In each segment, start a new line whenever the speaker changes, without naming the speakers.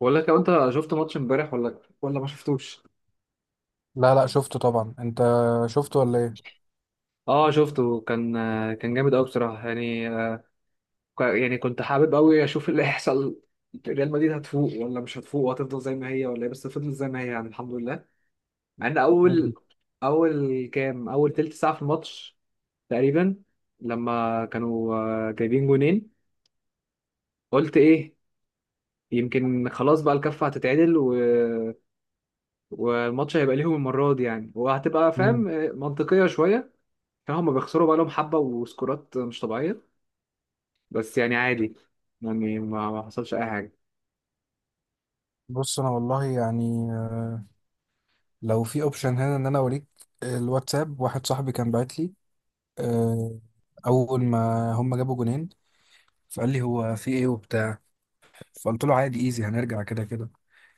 بقول لك لو انت شفت ماتش امبارح ولا ما شفتوش.
لا، لا، شفته طبعا. انت شفته ولا ايه؟
اه، شفته. كان جامد قوي بصراحه يعني. يعني كنت حابب قوي اشوف اللي هيحصل. ريال مدريد هتفوق ولا مش هتفوق، وهتفضل زي ما هي ولا ايه؟ بس فضلت زي ما هي، يعني الحمد لله. مع ان
مم.
اول تلت ساعه في الماتش تقريبا، لما كانوا جايبين جونين، قلت ايه؟ يمكن خلاص بقى الكفه هتتعدل والماتش هيبقى ليهم المره دي يعني، وهتبقى
مم.
فاهم، منطقيه شويه. فهم بيخسروا بقى لهم حبة وسكورات مش طبيعية، بس يعني عادي. يعني ما حصلش أي حاجة.
بص، انا والله يعني، لو في اوبشن هنا ان انا اوريك الواتساب. واحد صاحبي كان بعت لي، آه، اول ما هم جابوا جونين، فقال لي هو في ايه وبتاع. فقلت له عادي، ايزي، هنرجع كده كده.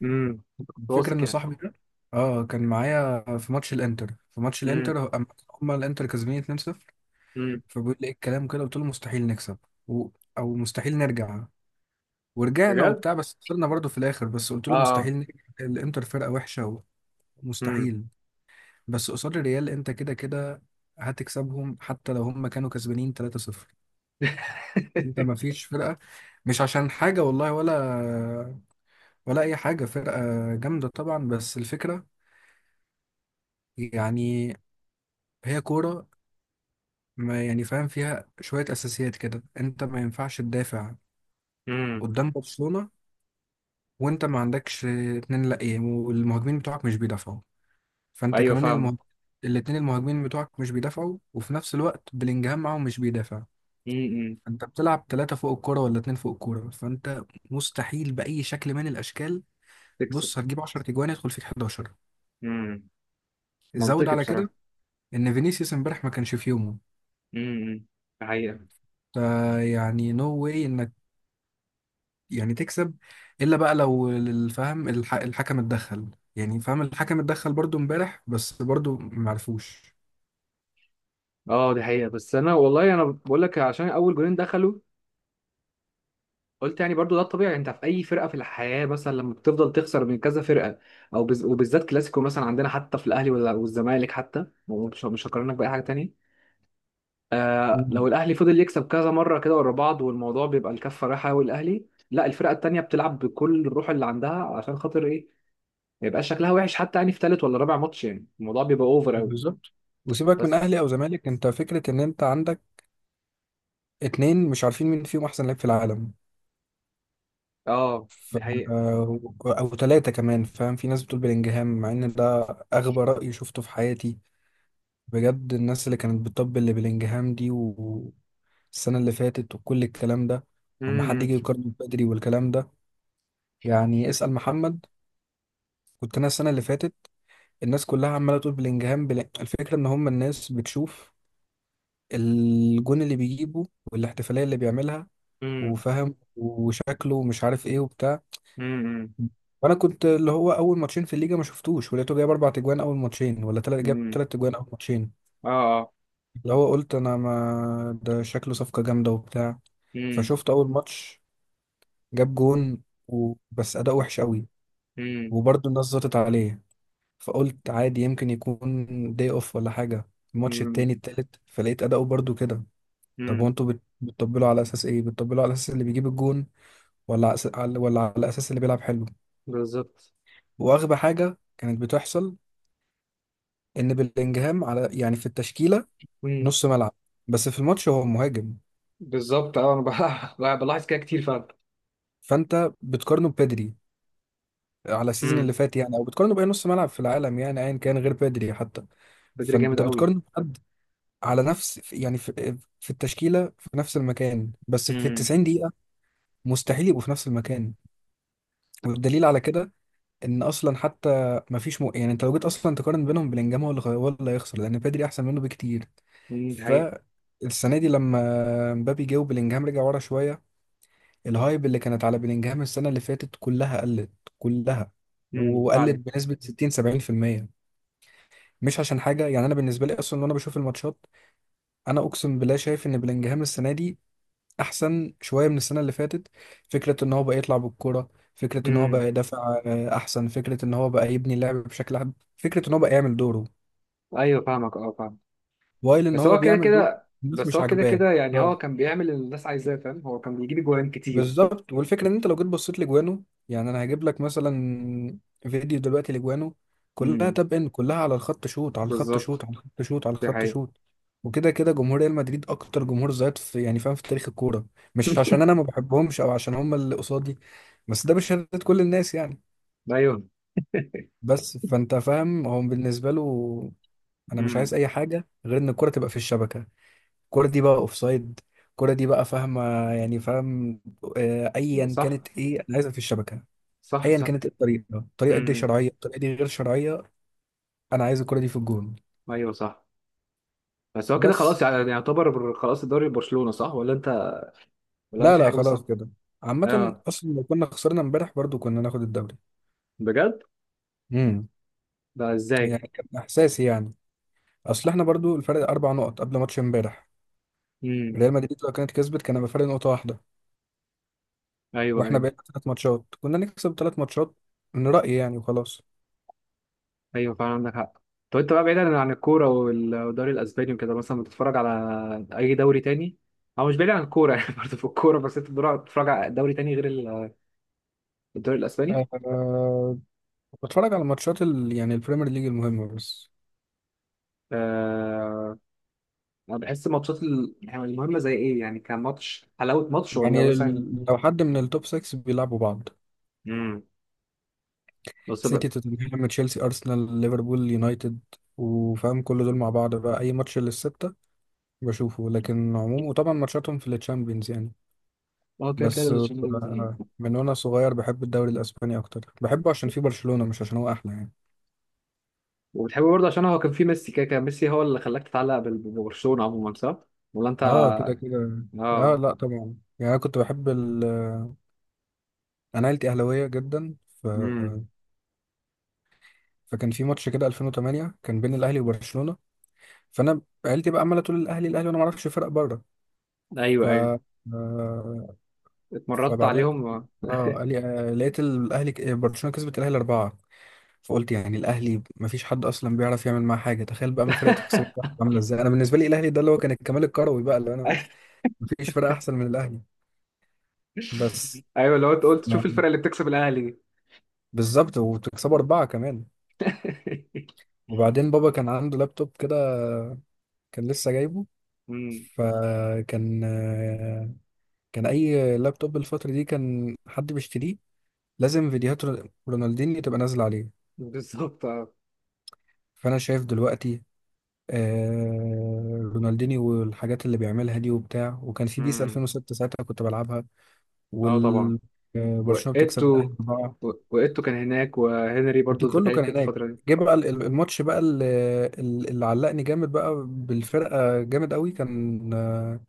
امم، كنت
الفكره
واثق
ان
يعني.
صاحبي ده اه كان معايا في ماتش الانتر،
امم.
أما هم الانتر كسبانين 2-0،
امم.
فبيقول لي ايه الكلام كده. قلت له مستحيل نكسب و... او مستحيل نرجع. ورجعنا
بجد؟
وبتاع، بس خسرنا برضه في الاخر. بس قلت
اه.
له
اه.
مستحيل نكسب، الانتر فرقه وحشه
امم.
ومستحيل. بس قصاد الريال انت كده كده هتكسبهم حتى لو هم كانوا كسبانين 3-0. انت ما فيش فرقه، مش عشان حاجه والله، ولا اي حاجه. فرقه جامده طبعا، بس الفكره يعني هي كوره. ما يعني فاهم فيها شويه اساسيات كده، انت ما ينفعش تدافع
امم.
قدام برشلونه وانت ما عندكش اتنين لا ايه، والمهاجمين بتوعك مش بيدافعوا. فانت
أيوه
كمان
فاهم.
الاتنين المهاجمين بتوعك مش بيدافعوا، وفي نفس الوقت بلينجهام معاهم مش بيدافع.
امم.
انت بتلعب ثلاثة فوق الكورة ولا اتنين فوق الكورة، فانت مستحيل بأي شكل من الأشكال.
تكسب.
بص، هتجيب 10 تجوان يدخل فيك 11.
امم.
زود
منطقي
على
بصراحة.
كده ان فينيسيوس امبارح ما كانش في يومه،
امم، دي حقيقة.
فيعني نو واي انك يعني تكسب الا بقى لو الحكم اتدخل. يعني فاهم، الحكم اتدخل برضو امبارح بس برضو معرفوش.
اه دي حقيقة، بس أنا والله أنا بقول لك، عشان أول جولين دخلوا، قلت يعني برضو ده الطبيعي. انت في اي فرقه في الحياه، مثلا لما بتفضل تخسر من كذا فرقه، او وبالذات كلاسيكو، مثلا عندنا حتى في الاهلي ولا والزمالك حتى، ومش مش هقارنك باي حاجه تانية. آه، لو
مم.
الاهلي فضل يكسب كذا مره كده ورا بعض، والموضوع بيبقى الكفه رايحه قوي الاهلي، لا، الفرقه التانية بتلعب بكل الروح اللي عندها. عشان خاطر ايه؟ ما يبقاش شكلها وحش، حتى يعني في ثالث ولا رابع ماتش يعني الموضوع بيبقى اوفر قوي
بالظبط. وسيبك من
بس.
اهلي او زمالك، انت فكره ان انت عندك اتنين مش عارفين مين فيهم احسن لاعب في العالم.
اه
ف...
دي حقيقه.
او تلاتة كمان فاهم. في ناس بتقول بلينجهام، مع ان ده اغبى رأي شفته في حياتي بجد. الناس اللي كانت بتطبل لبلينجهام دي والسنة اللي فاتت وكل الكلام ده، وما حد
امم.
يجي يقارن بدري والكلام ده، يعني اسأل محمد. كنت انا السنة اللي فاتت الناس كلها عمالة تقول بلينجهام الفكرة ان هم الناس بتشوف الجون اللي بيجيبه والاحتفالية اللي بيعملها
امم.
وفاهم وشكله ومش عارف ايه وبتاع.
امم.
وانا كنت اللي هو اول ماتشين في الليجا ما شفتوش، ولقيته جايب اربع تجوان اول ماتشين، ولا تلات جاب
امم.
تلات تجوان اول ماتشين،
اه. اه.
اللي هو قلت انا ما ده شكله صفقة جامدة وبتاع.
امم.
فشفت اول ماتش، جاب جون بس اداء وحش قوي، وبرضه الناس زطت عليه. فقلت عادي يمكن يكون داي اوف ولا حاجة. الماتش التاني التالت فلقيت اداؤه برضه كده. طب
امم.
وانتوا بتطبلوا على اساس ايه؟ بتطبلوا على اساس اللي بيجيب الجون، ولا على ولا على اساس اللي بيلعب حلو؟
بالظبط.
واغبى حاجة كانت بتحصل ان بلينجهام على يعني في التشكيله
امم.
نص ملعب، بس في الماتش هو مهاجم.
بالظبط. اه، انا بلاحظ كده كتير فعلا.
فانت بتقارنه ببدري على السيزون
امم.
اللي فات يعني، او بتقارنه باي نص ملعب في العالم يعني ايا كان غير بدري حتى.
بدري جامد
فانت
قوي.
بتقارنه بحد على نفس يعني في التشكيله في نفس المكان، بس في
امم.
90 دقيقه مستحيل يبقوا في نفس المكان. والدليل على كده ان اصلا حتى ما فيش يعني انت لو جيت اصلا تقارن بينهم، بلينجهام هو اللي هيخسر لان بدري احسن منه بكتير.
دي
ف
حقيقة.
السنه دي لما مبابي جه وبلينجهام رجع ورا شويه، الهايب اللي كانت على بلينجهام السنة اللي فاتت كلها قلت، كلها. وقلت
فعلا.
بنسبة 60 70%. مش عشان حاجة يعني، أنا بالنسبة لي أصلا وأنا بشوف الماتشات أنا أقسم بالله شايف إن بلينجهام السنة دي أحسن شوية من السنة اللي فاتت. فكرة إن هو بقى يطلع بالكرة، فكرة إن هو
امم.
بقى يدافع أحسن، فكرة إن هو بقى يبني اللعب بشكل أحسن، فكرة إن هو بقى يعمل دوره،
ايوه فاهمك. اه فاهم.
وايل إن
بس
هو
هو كده
بيعمل دوره
كده.
الناس
بس
مش
هو كده
عاجباه.
كده يعني، هو
آه.
كان بيعمل اللي الناس عايزاه فاهم، هو كان بيجيب جوان كتير.
بالظبط. والفكره ان انت لو جيت بصيت لجوانه، يعني انا هجيب لك مثلا فيديو دلوقتي لجوانه، كلها
امم.
تاب ان، كلها على الخط شوت على الخط
بالظبط.
شوت على الخط شوت على
دي
الخط
حقيقة.
شوت. وكده كده جمهور ريال مدريد اكتر جمهور زيط في يعني فاهم في تاريخ الكوره، مش عشان انا ما بحبهمش او عشان هم اللي قصادي، بس ده بشهاده كل الناس يعني.
ايوه.
بس فانت فاهم هو بالنسبه له انا مش عايز
امم.
اي حاجه غير ان الكوره تبقى في الشبكه. الكرة دي بقى اوفسايد، الكرة دي بقى فاهمة، يعني فاهم، ايا
صح.
كانت ايه انا عايزها في الشبكة.
صح
ايا
صح.
كانت إيه الطريقة، الطريقة دي
امم.
شرعية الطريقة دي غير شرعية، انا عايز الكرة دي في الجون.
ايوه صح. بس هو كده
بس.
خلاص يعني، يعني يعتبر خلاص الدوري برشلونة، صح ولا انت ولا انا
لا،
في
لا،
حاجة
خلاص
مثلا؟
كده. عامة
اه.
اصلا لو كنا خسرنا امبارح برضو كنا ناخد الدوري.
بجد؟
امم.
ده ازاي؟
يعني كان احساسي يعني. اصل احنا برضو الفرق اربع نقط قبل ماتش امبارح.
امم.
ريال مدريد لو كانت كسبت كان هيبقى فرق نقطة واحدة،
ايوه.
واحنا
ايوه.
بقينا ثلاث ماتشات كنا نكسب ثلاث ماتشات. من رأيي يعني، وخلاص.
ايوه فعلا عندك حق. طب انت بقى، بعيدا عن الكوره والدوري الاسباني وكده، مثلا بتتفرج على اي دوري تاني؟ او مش بعيد عن الكوره يعني برضه في الكوره، بس انت بتتفرج على دوري تاني غير الدوري الاسباني؟
آه، بتفرج على ماتشات يعني البريمير ليج المهمة بس.
آه... انا بحس ماتشات يعني المهمه زي ايه يعني، كان ماتش حلاوه ماتش ولا
يعني
مثلا؟
لو حد من التوب 6 بيلعبوا بعض،
امم. بس
سيتي
بقى.
توتنهام تشيلسي أرسنال ليفربول يونايتد، وفاهم كل دول مع بعض بقى، أي ماتش للستة بشوفه. لكن عموم، وطبعا ماتشاتهم في التشامبيونز يعني.
اه كده كده
بس
الشامبيونز نازلين.
من وأنا صغير بحب الدوري الأسباني أكتر، بحبه عشان فيه برشلونة مش عشان هو أحلى يعني.
وبتحبه برضه عشان هو كان في ميسي كده، كان ميسي هو اللي خلاك تتعلق ببرشلونه عموما، صح ولا انت؟
اه كده كده. اه
اه.
لا طبعا يعني أنا كنت بحب أنا عيلتي أهلاوية جدا. ف...
امم.
فكان في ماتش كده 2008 كان بين الأهلي وبرشلونة. فانا عيلتي بقى عماله تقول الاهلي الاهلي، وانا ما اعرفش فرق بره. ف
ايوه ايوه.
آه،
مرضت
فبعدين
عليهم.
اه قال لي لقيت الاهلي برشلونه كسبت الاهلي اربعه. فقلت يعني الاهلي ما فيش حد اصلا بيعرف يعمل معاه حاجه، تخيل بقى ما فرقه تكسب واحد، عامله ازاي. انا بالنسبه لي الاهلي ده اللي هو كان الكمال الكروي بقى، اللي انا ما فيش فرقه احسن من الاهلي. بس
ايوه لو انت قلت شوف
يعني،
الفرقه اللي بتكسب الاهلي دي.
بالظبط، وتكسبوا اربعه كمان. وبعدين بابا كان عنده لابتوب كده، كان لسه جايبه.
امم.
فكان، كان اي لابتوب الفتره دي كان حد بيشتريه لازم فيديوهات رونالدينيو تبقى نازله عليه.
بالظبط. اه.
فانا شايف دلوقتي آه رونالدينيو والحاجات اللي بيعملها دي وبتاع، وكان في بيس
امم.
2006 ساعتها كنت بلعبها.
اه طبعا.
وال برشلونه بتكسب الاهلي
وقيتو
بقى.
وقيتو كان هناك، وهنري
انت
برضو
كله
بتهيألي
كان
في
هناك.
الفتره دي.
جه بقى الماتش بقى اللي علقني جامد بقى بالفرقه جامد قوي. كان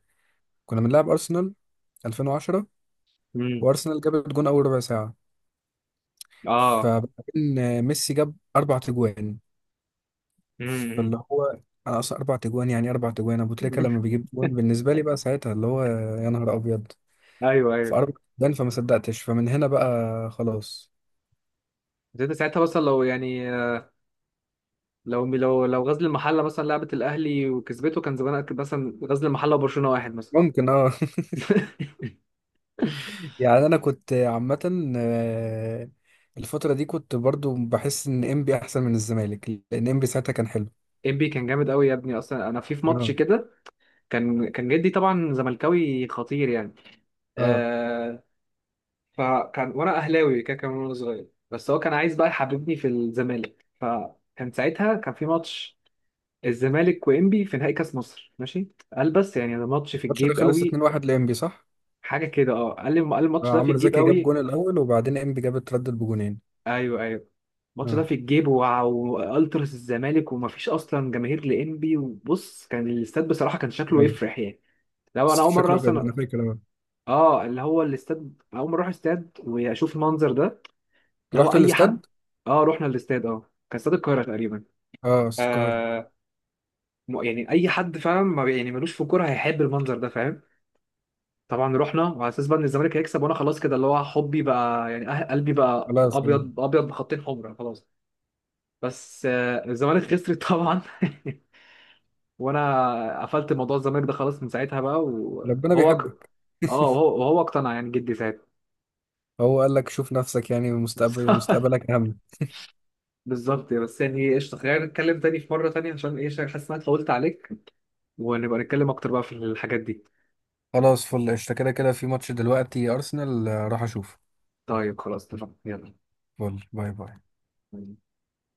كنا بنلعب ارسنال 2010،
امم.
وارسنال جابت جون اول ربع ساعه،
اه.
فبعدين ميسي جاب اربع تجوان.
امم.
فاللي هو انا اصلا اربع تجوان يعني، اربع تجوان ابو تريكه لما بيجيب جون بالنسبه لي بقى ساعتها اللي هو يا نهار ابيض.
ايوه ايوه.
فاربع تجوان، فما صدقتش، فمن هنا بقى خلاص.
بس انت ساعتها مثلا لو يعني، لو غزل المحله مثلا لعبت الاهلي وكسبته، كان زمان مثلا غزل المحله وبرشلونه واحد مثلا.
ممكن اه. يعني انا كنت عامه، الفتره دي كنت برضو بحس ان انبي احسن من الزمالك لان انبي ساعتها كان حلو.
انبي كان جامد قوي يا ابني. اصلا انا في ماتش
اه،
كده، كان كان جدي طبعا زملكاوي خطير يعني.
اه.
آه. فكان وانا اهلاوي كده، كان وانا صغير، بس هو كان عايز بقى يحببني في الزمالك، فكان ساعتها كان في ماتش الزمالك وانبي في نهائي كاس مصر، ماشي. قال بس يعني ده ماتش في
الماتش ده
الجيب
خلص
قوي.
2-1 لانبي صح؟
حاجه كده. اه قال لي، قال الماتش ده في
عمرو
الجيب
زكي جاب
قوي.
جون الاول وبعدين انبي جاب اتردد بجونين.
ايوه ايوه. الماتش ده
اه،
في الجيب، والتراس الزمالك، ومفيش اصلا جماهير لانبي، وبص، كان الاستاد بصراحه كان شكله
ايوه،
يفرح يعني. لو انا اول مره
شكله ابيض انا
اصلا،
فاكر اه.
اه اللي هو الاستاد، اول مره اروح استاد واشوف المنظر ده، اللي
أنت
هو
رحت
اي حد.
الاستاد.
اه، رحنا الاستاد. اه كان استاد القاهره تقريبا.
اه القاهره.
آه. يعني اي حد فعلا ما بي- يعني ملوش في الكوره هيحب المنظر ده فاهم. طبعا رحنا، وعلى اساس بقى ان الزمالك هيكسب، وانا خلاص كده اللي هو حبي بقى يعني، قلبي بقى
خلاص. آه.
ابيض، ابيض بخطين حمر خلاص. بس آه الزمالك خسرت طبعا. وانا قفلت موضوع الزمالك ده خلاص من ساعتها بقى،
ربنا
وهو
بيحبك.
اه، وهو اقتنع يعني، جدي ساعتها.
هو قال لك شوف نفسك، يعني مستقبل مستقبلك اهم.
بالظبط. بس يعني قشطه، خلينا نتكلم تاني في مره تانيه، عشان ايه؟ عشان حاسس ان انا اتطولت عليك، ونبقى نتكلم اكتر بقى في الحاجات دي.
خلاص فل. قشطة كده كده، في ماتش دلوقتي أرسنال راح أشوفه.
طيب خلاص اتفقنا.
فل، باي باي.
يلا.